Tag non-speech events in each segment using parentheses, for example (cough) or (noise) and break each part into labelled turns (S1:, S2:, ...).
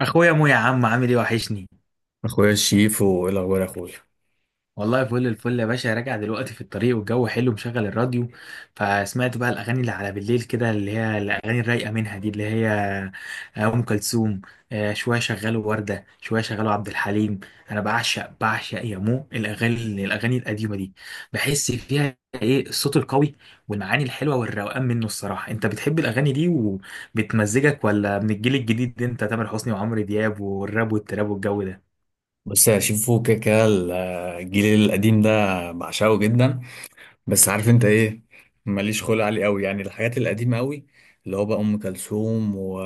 S1: اخويا مو، يا عم، عامل ايه؟ وحشني.
S2: اخويا شيفو، ايه الاخبار يا اخويا؟
S1: والله فل الفل يا باشا، راجع دلوقتي في الطريق والجو حلو، مشغل الراديو. فسمعت بقى الاغاني اللي على بالليل كده، اللي هي الاغاني الرايقه منها، دي اللي هي ام كلثوم. شويه شغلوا ورده، شويه شغلوا عبد الحليم. انا بعشق يا مو الاغاني القديمه دي. بحس فيها ايه الصوت القوي، والمعاني الحلوه والروقان منه. الصراحه، انت بتحب الاغاني دي وبتمزجك، ولا من الجيل الجديد ده؟ انت تامر حسني وعمرو دياب والراب والتراب والجو ده؟
S2: بص يا شيفو، كده كده الجيل القديم ده بعشقه جدا. بس عارف انت ايه؟ ماليش خلق عليه قوي، يعني الحاجات القديمه قوي، اللي هو بقى ام كلثوم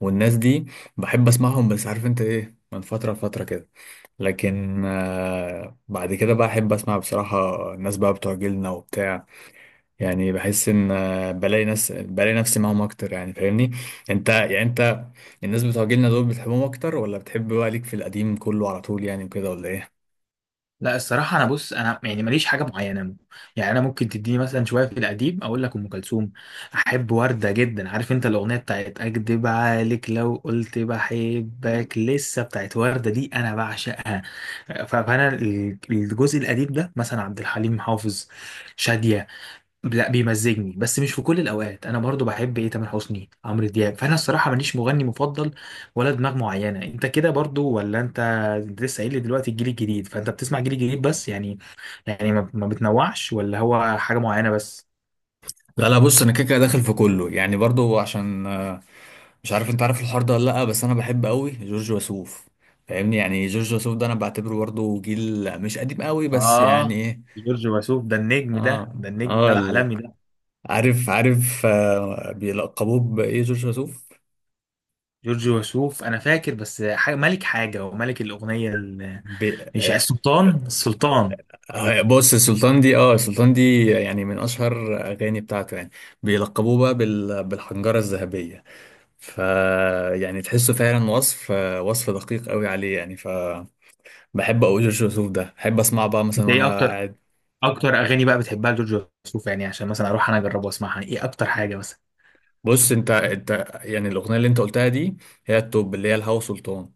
S2: والناس دي. بحب اسمعهم، بس عارف انت ايه، من فتره لفتره كده. لكن بعد كده بقى احب اسمع بصراحه الناس بقى بتوع جيلنا وبتاع. يعني بحس ان بلاقي ناس، بلاقي نفسي معاهم اكتر، يعني فاهمني؟ انت، يعني انت، الناس بتوع جيلنا دول بتحبهم اكتر، ولا بتحب بقى ليك في القديم كله على طول يعني وكده، ولا ايه؟
S1: لا، الصراحة أنا بص، أنا يعني ماليش حاجة معينة. يعني أنا ممكن تديني مثلا شوية في القديم، أقول لك أم كلثوم، أحب وردة جدا. عارف أنت الأغنية بتاعت أكدب عليك لو قلت بحبك لسه، بتاعت وردة دي، أنا بعشقها. فأنا الجزء القديم ده، مثلا عبد الحليم حافظ، شادية. لا بيمزجني، بس مش في كل الاوقات. انا برضو بحب ايه، تامر حسني، عمرو دياب. فانا الصراحه ماليش مغني مفضل ولا دماغ معينه. انت كده برضو، ولا انت، أنت لسه قايل لي دلوقتي الجيل الجديد، فانت بتسمع جيل جديد بس؟ يعني يعني ما بتنوعش، ولا هو حاجه معينه بس؟
S2: لا لا، بص انا كده كده داخل في كله يعني، برضو عشان مش عارف انت عارف الحوار ده ولا لا. بس انا بحب قوي جورج وسوف، فاهمني؟ يعني جورج وسوف ده انا بعتبره برضو جيل مش قديم قوي، بس يعني
S1: اه،
S2: ايه.
S1: جورج وسوف ده النجم، ده
S2: اه
S1: ده النجم
S2: اه،
S1: ده العالمي ده.
S2: عارف عارف، آه بيلقبوه بايه جورج وسوف؟
S1: جورج وسوف، انا فاكر بس حاجة ملك، حاجه وملك الاغنيه
S2: ب...
S1: مش
S2: آه
S1: السلطان، السلطان؟
S2: آه، بص السلطان دي، السلطان دي، يعني من اشهر اغاني بتاعته يعني. بيلقبوه بقى بالحنجرة الذهبية، ف يعني تحسه فعلا وصف دقيق قوي عليه يعني، بحب قوي جورج وسوف ده، بحب اسمعه بقى مثلا
S1: انت ايه
S2: وانا
S1: اكتر
S2: قاعد.
S1: اكتر اغاني بقى بتحبها لجورج وسوف؟ يعني عشان مثلا اروح انا اجرب واسمعها. يعني ايه اكتر حاجه مثلا؟
S2: بص انت، يعني الاغنيه اللي انت قلتها دي، هي التوب، اللي هي الهوا سلطان.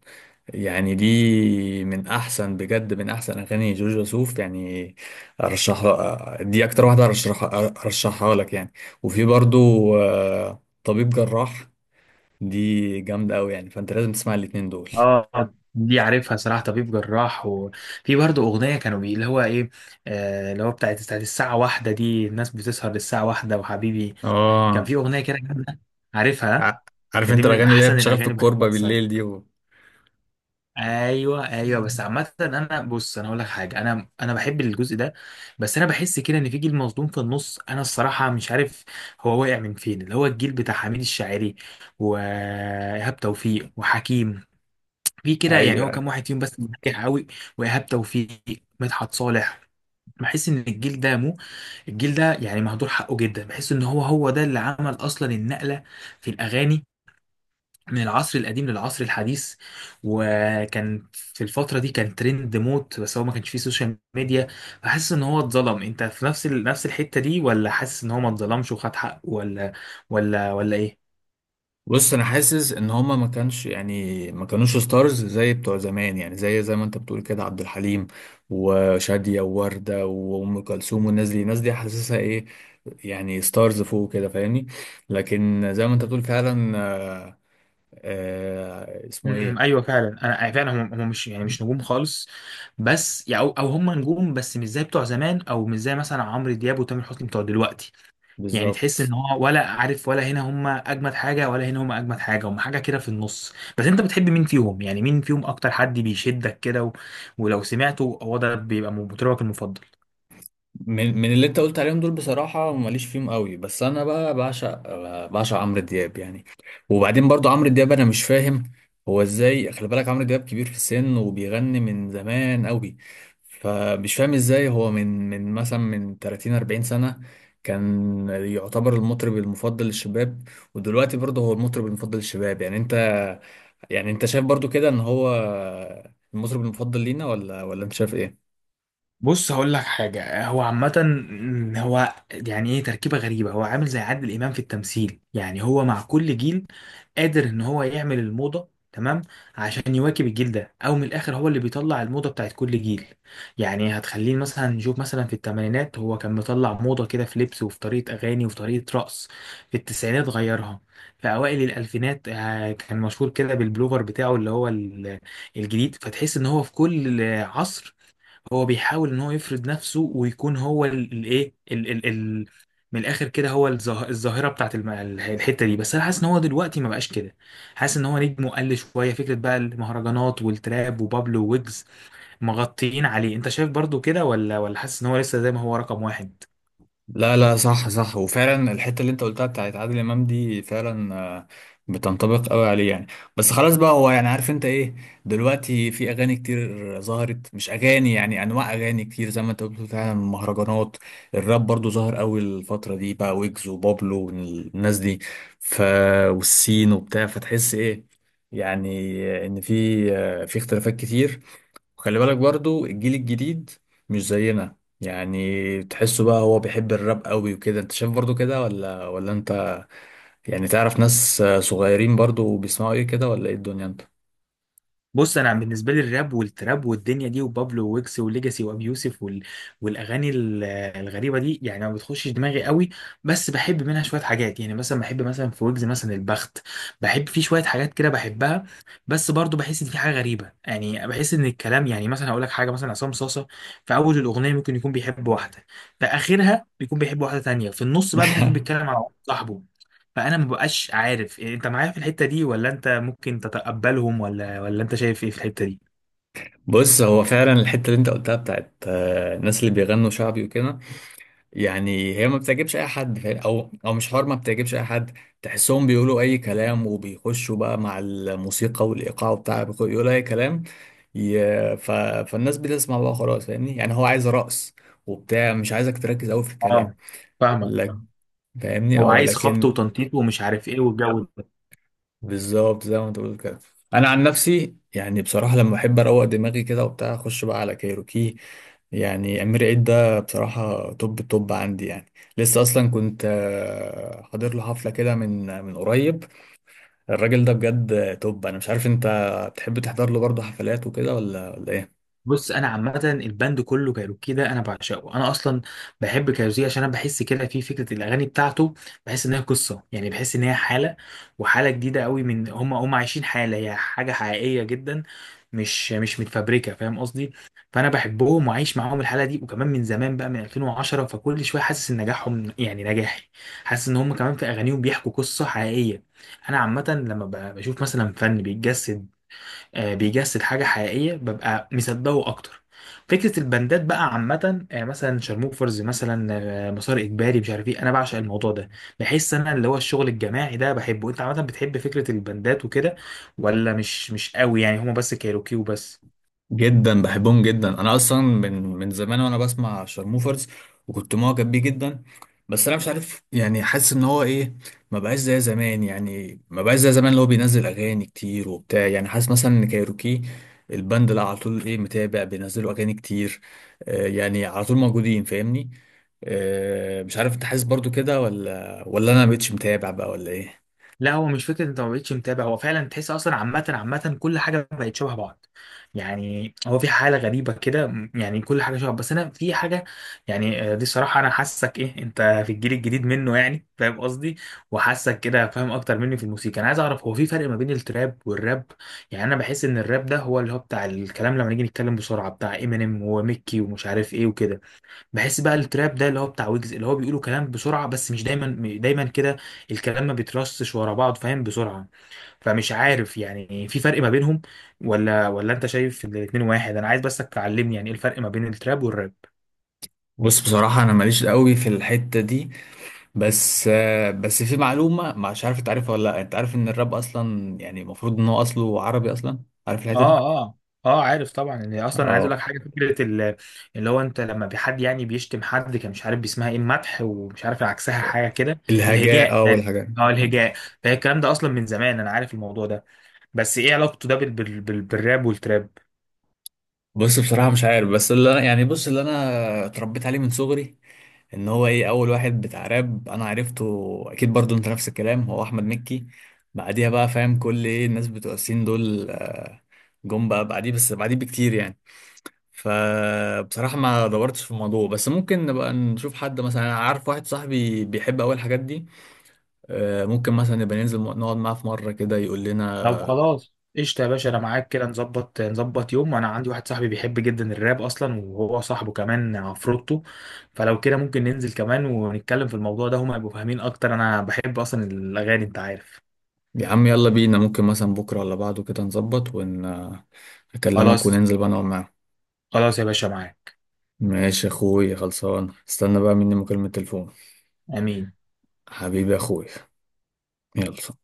S2: يعني دي من احسن بجد، من احسن اغاني جورج وسوف يعني. ارشحها دي اكتر واحده، ارشحها لك يعني. وفي برضو طبيب جراح، دي جامده قوي يعني، فانت لازم تسمع الاتنين دول.
S1: اه، دي عارفها صراحه، طبيب جراح. وفي برضه اغنيه كانوا بي، اللي هو ايه، اللي هو بتاعت الساعه واحدة دي، الناس بتسهر للساعه واحدة وحبيبي. كان
S2: اه.
S1: في اغنيه كده جامدة.
S2: ع-
S1: عارفها؟
S2: عارف
S1: كانت دي
S2: انت
S1: من
S2: الاغاني اللي هي
S1: احسن
S2: بتشغل في
S1: الاغاني،
S2: الكوربه
S1: بحبها
S2: بالليل
S1: الصراحه.
S2: دي
S1: ايوه، ايوه. بس عامه انا بص، انا اقول لك حاجه، انا بحب الجزء ده، بس انا بحس كده ان في جيل مظلوم في النص، انا الصراحه مش عارف هو واقع من فين. اللي هو الجيل بتاع حميد الشاعري وايهاب توفيق وحكيم. في كده، يعني
S2: ايوه
S1: هو كام
S2: ايوه،
S1: واحد فيهم بس ناجح قوي. وايهاب توفيق، مدحت صالح. بحس ان الجيل ده، مو، الجيل ده يعني مهدور حقه جدا. بحس ان هو هو ده اللي عمل اصلا النقله في الاغاني من العصر القديم للعصر الحديث. وكان في الفترة دي كان ترند موت، بس هو ما كانش فيه سوشيال ميديا. فحاسس ان هو اتظلم. انت في نفس الحتة دي، ولا حاسس ان هو ما اتظلمش وخد حقه؟ ولا، ولا ايه؟
S2: بص انا حاسس ان هما ما كانش، يعني ما كانوش ستارز زي بتوع زمان، يعني زي ما انت بتقول كده، عبد الحليم وشادية ووردة وام كلثوم والناس دي. الناس دي حاسسها ايه، يعني ستارز فوق كده، فاهمني؟ لكن زي ما انت بتقول فعلا، اسمه ايه.
S1: ايوه فعلا. انا فعلا هم مش يعني مش نجوم خالص. بس يعني، او أو هم نجوم بس مش زي بتوع زمان، او مش زي مثلا عمرو دياب وتامر حسني بتوع دلوقتي. يعني تحس
S2: بالظبط.
S1: ان هو، ولا عارف، ولا هنا هم اجمد حاجه ولا هنا هم اجمد حاجه، هم حاجه كده في النص. بس انت بتحب مين فيهم؟ يعني مين فيهم اكتر حد بيشدك كده، و... ولو سمعته هو ده بيبقى مطربك المفضل؟
S2: من اللي انت قلت عليهم دول، بصراحة ماليش فيهم قوي، بس انا بقى بعشق عمرو دياب يعني. وبعدين برضو عمرو دياب انا مش فاهم هو ازاي. خلي بالك عمرو دياب كبير في السن وبيغني من زمان قوي. فمش فاهم ازاي هو من مثلا من 30 40 سنة كان يعتبر المطرب المفضل للشباب، ودلوقتي برضه هو المطرب المفضل للشباب. يعني انت، يعني انت شايف برضو كده ان هو المطرب المفضل لينا، ولا انت شايف إيه؟
S1: بص، هقول لك حاجة، هو عامة، هو يعني ايه، تركيبة غريبة. هو عامل زي عادل إمام في التمثيل، يعني هو مع كل جيل قادر ان هو يعمل الموضة تمام عشان يواكب الجيل ده. او من الاخر، هو اللي بيطلع الموضة بتاعت كل جيل. يعني هتخليه مثلا، نشوف مثلا في الثمانينات هو كان مطلع موضة كده في لبس وفي طريقة اغاني وفي طريقة رقص. في التسعينات غيرها. في اوائل الالفينات كان مشهور كده بالبلوفر بتاعه اللي هو الجديد. فتحس ان هو في كل عصر، هو بيحاول ان هو يفرض نفسه ويكون هو الايه، ال إيه، ال ال من الاخر كده، هو الظاهره بتاعت الحته دي. بس انا حاسس ان هو دلوقتي ما بقاش كده. حاسس ان هو نجمه قل شويه، فكره بقى المهرجانات والتراب وبابلو ويجز مغطيين عليه. انت شايف برضو كده، ولا، ولا حاسس ان هو لسه زي ما هو رقم واحد؟
S2: لا لا، صح صح، وفعلا الحته اللي انت قلتها بتاعت عادل امام دي فعلا بتنطبق قوي عليه يعني. بس خلاص بقى، هو يعني عارف انت ايه؟ دلوقتي في اغاني كتير ظهرت، مش اغاني يعني، انواع اغاني كتير زي ما انت قلت فعلا، مهرجانات. الراب برضو ظهر قوي الفتره دي بقى، ويجز وبابلو والناس دي، ف والسين وبتاع. فتحس ايه يعني، ان في في اختلافات كتير. وخلي بالك برضو الجيل الجديد مش زينا. يعني تحسه بقى هو بيحب الراب قوي وكده، انت شايف برضو كده ولا انت، يعني تعرف ناس صغيرين برضو بيسمعوا ايه كده ولا ايه الدنيا، انت؟
S1: بص، انا بالنسبه لي، الراب والتراب والدنيا دي، وبابلو ويكس وليجاسي وابي يوسف والاغاني الغريبه دي، يعني ما بتخشش دماغي قوي. بس بحب منها شويه حاجات. يعني مثلا بحب مثلا في ويجز مثلا البخت، بحب فيه شويه حاجات كده، بحبها. بس برضو بحس ان في حاجه غريبه. يعني بحس ان الكلام، يعني مثلا هقول لك حاجه، مثلا عصام صاصه في اول الاغنيه ممكن يكون بيحب واحده، في اخرها بيكون بيحب واحده تانية، في النص بقى ممكن يكون
S2: (laughs)
S1: بيتكلم عن صاحبه. فانا ما بقاش عارف، إيه، انت معايا في الحته دي، ولا انت ممكن تتقبلهم، ولا، ولا انت شايف ايه في الحته دي؟
S2: بص هو فعلا الحتة اللي انت قلتها بتاعت الناس اللي بيغنوا شعبي وكده، يعني هي ما بتعجبش اي حد، او مش حوار ما بتعجبش اي حد. تحسهم بيقولوا اي كلام وبيخشوا بقى مع الموسيقى والايقاع بتاع، يقولوا اي كلام. ي- ف... فالناس بتسمع بقى خلاص، فاهمني؟ يعني هو عايز رقص وبتاع، مش عايزك تركز قوي في
S1: اه،
S2: الكلام.
S1: فاهمك.
S2: لك، فاهمني؟
S1: هو
S2: اه،
S1: عايز خبط
S2: لكن.
S1: وتنطيط ومش عارف ايه والجو ده.
S2: بالظبط زي ما انت بتقول كده. انا عن نفسي يعني، بصراحه لما بحب اروق دماغي كده وبتاع، اخش بقى على كايروكي. يعني امير عيد ده بصراحه توب التوب عندي يعني. لسه اصلا كنت حاضر له حفله كده من قريب. الراجل ده بجد توب. انا مش عارف انت بتحب تحضر له برضه حفلات وكده ولا ايه؟
S1: بص، انا عامه الباند كله، كايروكي ده، انا بعشقه. انا اصلا بحب كايروكي عشان انا بحس كده في فكره الاغاني بتاعته، بحس ان هي قصه، يعني بحس ان هي حاله، وحاله جديده قوي. من، هم هم عايشين حاله، هي حاجه حقيقيه جدا، مش متفبركه، فاهم قصدي. فانا بحبهم وعايش معاهم الحاله دي، وكمان من زمان بقى، من 2010، فكل شويه حاسس ان نجاحهم يعني نجاحي. حاسس ان هم كمان في اغانيهم بيحكوا قصه حقيقيه. انا عامه لما بشوف مثلا فن بيتجسد، بيجسد حاجة حقيقية، ببقى مصدقه أكتر. فكرة البندات بقى عامة، مثلا شارموفرز مثلا، مسار إجباري، مش عارف إيه، أنا بعشق الموضوع ده. بحس أنا اللي هو الشغل الجماعي ده بحبه. أنت عامة بتحب فكرة البندات وكده، ولا مش، مش قوي؟ يعني هما بس كايروكي وبس؟
S2: جدا، بحبهم جدا. انا اصلا من زمان وانا بسمع شارموفرز وكنت معجب بيه جدا. بس انا مش عارف، يعني حاسس ان هو ايه، ما بقاش زي زمان، يعني ما بقاش زي زمان اللي هو بينزل اغاني كتير وبتاع. يعني حاسس مثلا ان كايروكي الباند اللي على طول ايه، متابع بينزلوا اغاني كتير. يعني على طول موجودين، فاهمني؟ مش عارف انت حاسس برضو كده، ولا انا مبقتش متابع بقى ولا ايه؟
S1: لا، هو مش فكره انت ما بقتش متابع، هو فعلا تحس اصلا عامه كل حاجه بقت شبه بعض. يعني هو في حاله غريبه كده، يعني كل حاجه شبه. بس انا في حاجه، يعني، دي الصراحه، انا حاسك ايه انت في الجيل الجديد منه، يعني فاهم قصدي؟ وحاسك كده فاهم اكتر مني في الموسيقى. انا عايز اعرف، هو في فرق ما بين التراب والراب؟ يعني انا بحس ان الراب ده هو اللي هو بتاع الكلام لما نيجي نتكلم بسرعه، بتاع امينيم وميكي ومش عارف ايه وكده. بحس بقى التراب ده اللي هو بتاع ويجز، اللي هو بيقولوا كلام بسرعة، بس مش دايما دايما كده الكلام ما بيترصش ورا بعض، فاهم، بسرعة. فمش عارف، يعني في فرق ما بينهم، ولا، ولا انت شايف ان الاتنين واحد؟ انا عايز بس تعلمني يعني ايه الفرق ما بين التراب والراب.
S2: بص بصراحة، أنا ماليش قوي في الحتة دي. بس في معلومة مش عارف انت عارفها ولا لا. انت عارف ان الراب اصلا يعني المفروض ان هو اصله عربي اصلا؟ عارف الحتة دي؟
S1: اه، اه، اه، عارف طبعا، ان اصلا عايز اقول لك
S2: اه
S1: حاجه، فكره اللي هو، انت لما بحد يعني بيشتم حد، كان مش عارف بيسمها ايه، المدح ومش عارف عكسها، حاجه كده.
S2: الهجاء.
S1: الهجاء،
S2: اه، والهجاء.
S1: اه،
S2: آه.
S1: الهجاء. فهي الكلام ده اصلا من زمان، انا عارف الموضوع ده. بس ايه علاقته ده بالراب والتراب؟
S2: بص بصراحة مش عارف، بس يعني بص اللي انا اتربيت عليه من صغري، ان هو ايه اول واحد بتاع راب انا عرفته، اكيد برضو انت نفس الكلام، هو احمد مكي. بعديها بقى فاهم كل ايه الناس بتوع السين دول جم بقى بعديه، بس بعديه بكتير يعني. فبصراحة ما دورتش في الموضوع، بس ممكن نبقى نشوف حد مثلا، أنا عارف واحد صاحبي بيحب أوي الحاجات دي. ممكن مثلا نبقى ننزل نقعد معاه في مرة كده، يقول
S1: طب
S2: لنا.
S1: خلاص، قشطة يا باشا، أنا معاك كده. نظبط يوم. وأنا عندي واحد صاحبي بيحب جدا الراب أصلا، وهو صاحبه كمان عفروتو. فلو كده ممكن ننزل كمان ونتكلم في الموضوع ده، هما يبقوا فاهمين أكتر. أنا بحب أصلا الأغاني، أنت عارف.
S2: يا عم يلا بينا، ممكن مثلا بكرة ولا بعده كده نظبط أكلمك
S1: خلاص،
S2: وننزل بقى نقعد معاه.
S1: خلاص يا باشا، معاك.
S2: ماشي يا أخوي، خلصان. استنى بقى مني مكالمة تليفون.
S1: أمين.
S2: حبيبي يا أخوي. يلا.